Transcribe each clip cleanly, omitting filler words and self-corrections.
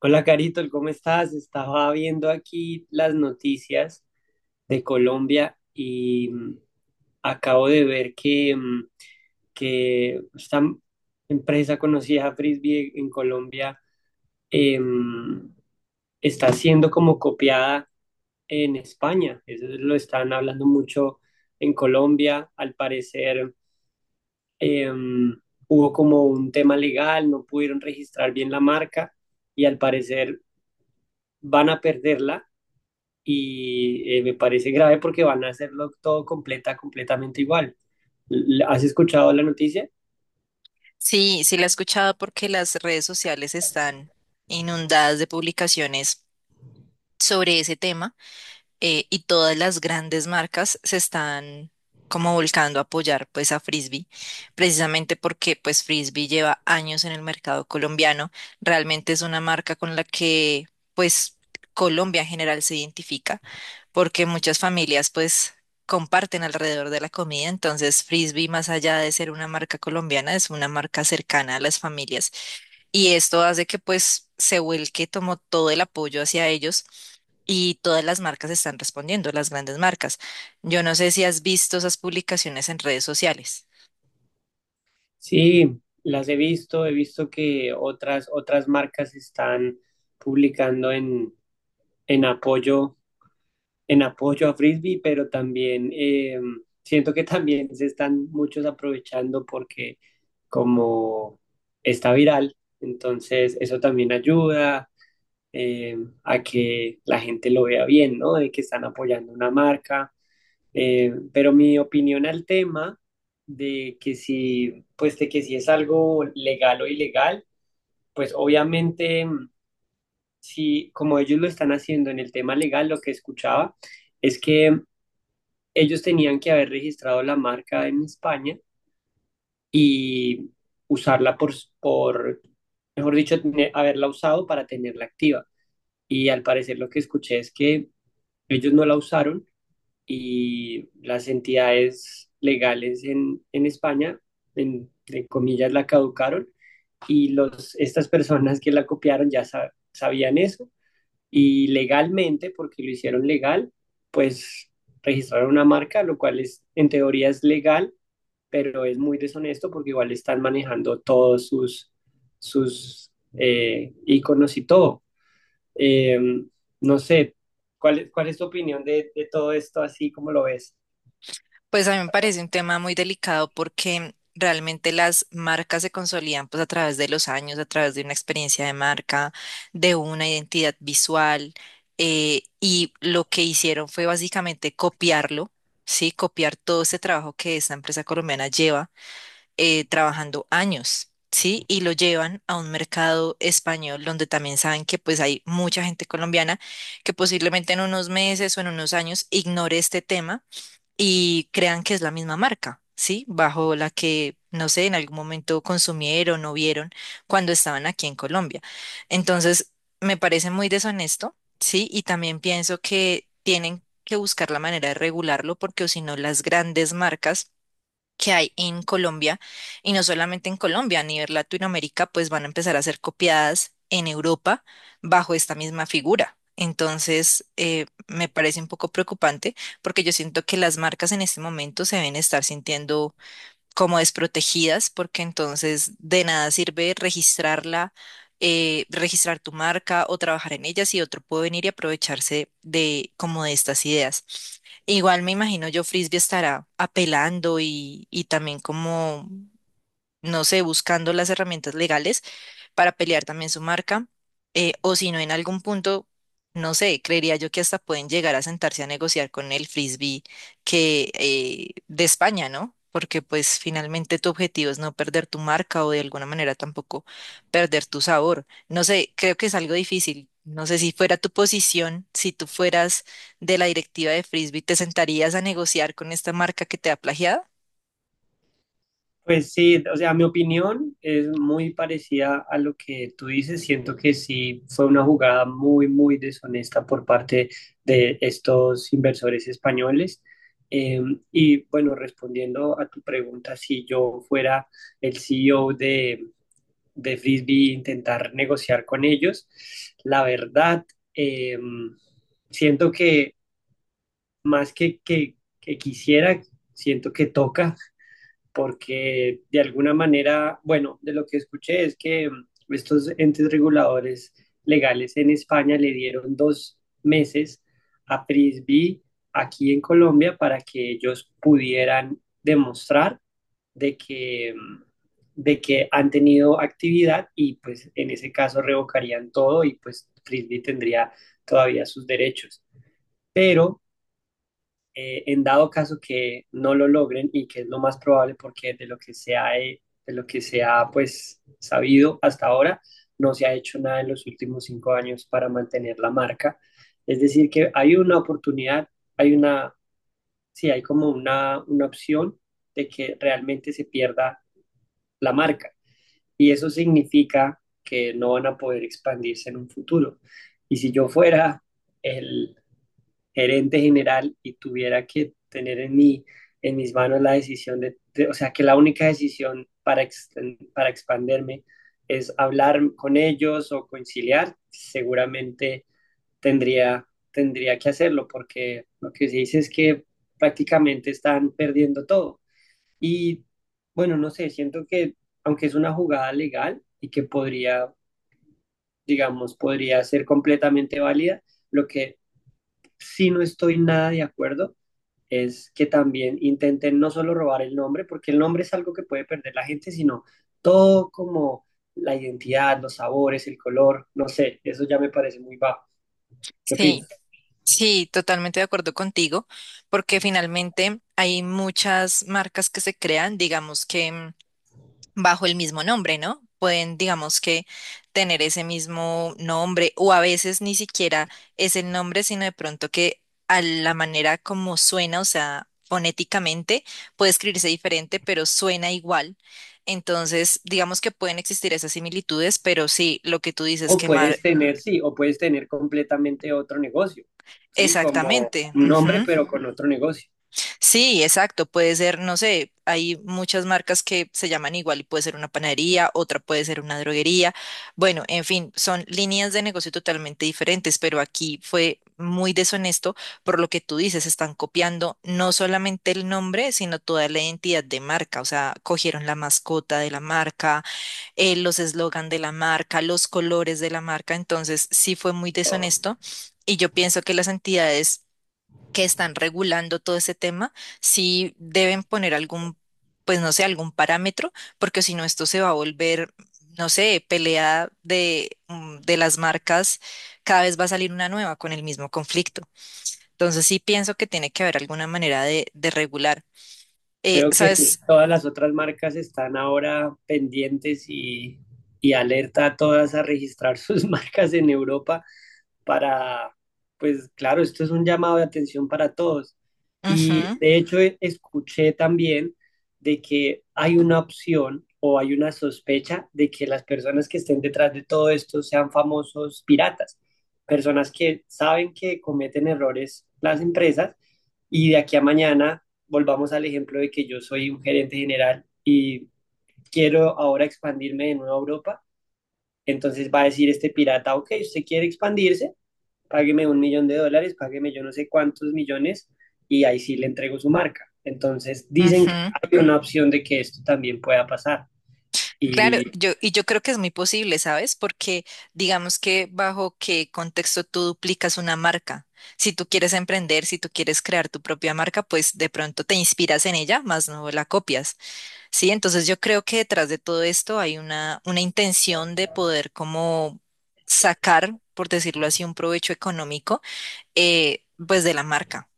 Hola Carito, ¿cómo estás? Estaba viendo aquí las noticias de Colombia y acabo de ver que que esta empresa conocida Frisbee en Colombia, em, está siendo como copiada en España. Eso lo están hablando mucho en Colombia. Al parecer em, hubo como un tema legal, no pudieron registrar bien la marca y al parecer van a perderla y me parece grave porque van a hacerlo todo completamente igual. ¿Has escuchado la noticia? Sí, sí la he escuchado porque las redes sociales están inundadas de publicaciones sobre ese tema. Y todas las grandes marcas se están como volcando a apoyar, pues, a Frisbee, precisamente porque pues Frisbee lleva años en el mercado colombiano. Realmente es una marca con la que pues Colombia en general se identifica, porque muchas familias pues comparten alrededor de la comida. Entonces Frisbee, más allá de ser una marca colombiana, es una marca cercana a las familias, y esto hace que pues Seúl, que tomó todo el apoyo hacia ellos, y todas las marcas están respondiendo, las grandes marcas. Yo no sé si has visto esas publicaciones en redes sociales. Sí, las he visto que otras marcas están publicando en apoyo, en apoyo a Frisbee, pero también siento que también se están muchos aprovechando porque como está viral, entonces eso también ayuda, eh, a que la gente lo vea bien, ¿no? De que están apoyando una marca. Pero mi opinión al tema de que si, pues de que si es algo legal o ilegal, pues obviamente, si como ellos lo están haciendo en el tema legal, lo que escuchaba es que ellos tenían que haber registrado la marca en España y usarla por mejor dicho, haberla usado para tenerla activa. Y al parecer lo que escuché es que ellos no la usaron y las entidades legales en España, entre comillas, la caducaron y estas personas que la copiaron ya sabían eso y legalmente, porque lo hicieron legal, pues registraron una marca, lo cual es, en teoría es legal, pero es muy deshonesto porque igual están manejando todos sus iconos y todo. Eh, no sé, ¿cuál es tu opinión de todo esto así como lo ves? Pues a mí me parece un tema muy delicado porque realmente las marcas se consolidan pues a través de los años, a través de una experiencia de marca, de una identidad visual. Y lo que hicieron fue básicamente copiarlo, ¿sí? Copiar todo ese trabajo que esta empresa colombiana lleva trabajando años, ¿sí? Y lo llevan a un mercado español donde también saben que pues hay mucha gente colombiana que posiblemente en unos meses o en unos años ignore este tema y crean que es la misma marca, ¿sí? Bajo la que, no sé, en algún momento consumieron o vieron cuando estaban aquí en Colombia. Entonces, me parece muy deshonesto, ¿sí? Y también pienso que tienen que buscar la manera de regularlo, porque o si no las grandes marcas que hay en Colombia, y no solamente en Colombia, a nivel Latinoamérica, pues van a empezar a ser copiadas en Europa bajo esta misma figura. Entonces, me parece un poco preocupante, porque yo siento que las marcas en este momento se deben estar sintiendo como desprotegidas, porque entonces de nada sirve registrarla, registrar tu marca o trabajar en ella si otro puede venir y aprovecharse de como de estas ideas. Igual me imagino, yo Frisbee estará apelando y también como, no sé, buscando las herramientas legales para pelear también su marca, o si no, en algún punto, no sé, creería yo que hasta pueden llegar a sentarse a negociar con el frisbee que, de España, ¿no? Porque pues finalmente tu objetivo es no perder tu marca o de alguna manera tampoco perder tu sabor. No sé, creo que es algo difícil. No sé si fuera tu posición, si tú fueras de la directiva de frisbee, ¿te sentarías a negociar con esta marca que te ha plagiado? Pues sí, o sea, mi opinión es muy parecida a lo que tú dices. Siento que sí fue una jugada muy deshonesta por parte de estos inversores españoles. Eh, y bueno, respondiendo a tu pregunta, si yo fuera el CEO de Frisbee, intentar negociar con ellos, la verdad, eh, siento que más que quisiera, siento que toca, porque de alguna manera, bueno, de lo que escuché es que estos entes reguladores legales en España le dieron dos meses a Prisby aquí en Colombia para que ellos pudieran demostrar de que, mm, de que han tenido actividad y pues en ese caso revocarían todo y pues Frisbee tendría todavía sus derechos. Pero en dado caso que no lo logren y que es lo más probable porque de lo que de lo que se ha pues sabido hasta ahora, no se ha hecho nada en los últimos cinco años para mantener la marca. Es decir, que hay una oportunidad, hay una, sí, hay como una opción de que realmente se pierda la marca y eso significa que no van a poder expandirse en un futuro. Y si yo fuera el, gerente general y tuviera que tener en en mis manos la decisión de o sea, que la única decisión para expanderme es hablar con ellos o conciliar, seguramente tendría, tendría que hacerlo porque lo que se dice es que prácticamente están perdiendo todo. Y bueno, no sé, siento que aunque es una jugada legal y que podría, digamos, podría ser completamente válida, lo que sí no estoy nada de acuerdo es que también intenten no solo robar el nombre, porque el nombre es algo que puede perder la gente, sino todo como la identidad, los sabores, el color, no sé, eso ya me parece muy bajo. ¿Qué Sí. opinas? Sí, totalmente de acuerdo contigo, porque finalmente hay muchas marcas que se crean, digamos que, mm, bajo el mismo nombre, ¿no? Pueden, digamos que, tener ese mismo nombre, o a veces ni siquiera es el nombre, sino de pronto que a la manera como suena, o sea, fonéticamente, puede escribirse diferente, pero suena igual. Entonces, digamos que pueden existir esas similitudes, pero sí, lo que tú dices, O quemar, puedes tener, sí, o puedes tener completamente otro negocio, ¿sí? Como exactamente. un nombre, Ujú. pero con otro negocio. Sí, exacto. Puede ser, no sé, hay muchas marcas que se llaman igual y puede ser una panadería, otra puede ser una droguería. Bueno, en fin, son líneas de negocio totalmente diferentes, pero aquí fue muy deshonesto. Por lo que tú dices, están copiando no solamente el nombre, sino toda la identidad de marca. O sea, cogieron la mascota de la marca, los eslogan de la marca, los colores de la marca. Entonces, sí fue muy Oh, deshonesto. Y yo pienso que las entidades que están regulando todo ese tema sí deben poner algún, pues no sé, algún parámetro, porque si no esto se va a volver, no sé, pelea de, mm, de las marcas, cada vez va a salir una nueva con el mismo conflicto. Entonces sí pienso que tiene que haber alguna manera de regular. Creo que ¿Sabes? todas las otras marcas están ahora pendientes y alerta a todas a registrar sus marcas en Europa para, pues claro, esto es un llamado de atención para todos. Y Ujú, de hecho escuché también de que hay una opción o hay una sospecha de que las personas que estén detrás de todo esto sean famosos piratas, personas que saben que cometen errores las empresas y de aquí a mañana volvamos al ejemplo de que yo soy un gerente general y quiero ahora expandirme de nuevo a Europa. Entonces va a decir este pirata, ok, usted quiere expandirse, págueme un millón de dólares, págueme yo no sé cuántos millones y ahí sí le entrego su marca. Entonces dicen que ujú. hay una opción de que esto también pueda pasar Claro, y yo, y yo creo que es muy posible, ¿sabes? Porque digamos que bajo qué contexto tú duplicas una marca. Si tú quieres emprender, si tú quieres crear tu propia marca, pues de pronto te inspiras en ella, más no la copias, ¿sí? Entonces yo creo que detrás de todo esto hay una intención de poder como sacar, por decirlo así, un provecho económico, pues de la marca.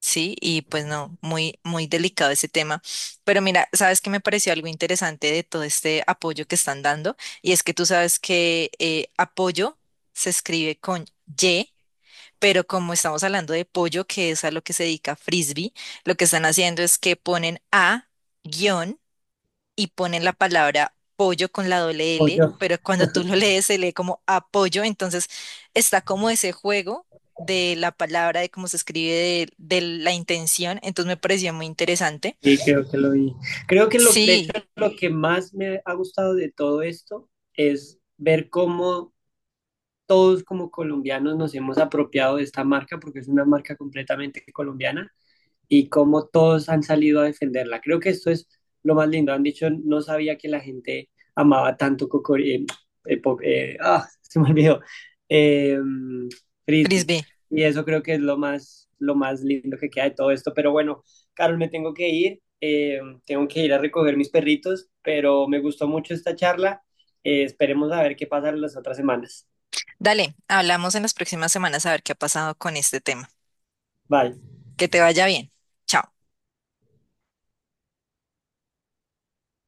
Sí, y pues no, muy, muy delicado ese tema. Pero mira, sabes que me pareció algo interesante de todo este apoyo que están dando, y es que tú sabes que apoyo se escribe con Y, pero como estamos hablando de pollo, que es a lo que se dedica Frisbee, lo que están haciendo es que ponen a guión y ponen la palabra pollo con la doble o L, yo pero cuando tú lo lees se lee como apoyo. Entonces está como ese juego de la palabra, de cómo se escribe, de la intención. Entonces me pareció muy interesante. y creo que lo vi. Creo que lo, de hecho Sí, lo que más me ha gustado de todo esto es ver cómo todos como colombianos nos hemos apropiado de esta marca porque es una marca completamente colombiana y cómo todos han salido a defenderla. Creo que esto es lo más lindo. Han dicho, no sabía que la gente amaba tanto Cocori. Se me olvidó. Eh, Frisbee. Frisbee, Y eso creo que es lo más lindo que queda de todo esto. Pero bueno, Carol, me tengo que ir. Tengo que ir a recoger mis perritos, pero me gustó mucho esta charla. Esperemos a ver qué pasa las otras semanas. dale, hablamos en las próximas semanas a ver qué ha pasado con este tema. Bye. Que te vaya bien. Chao.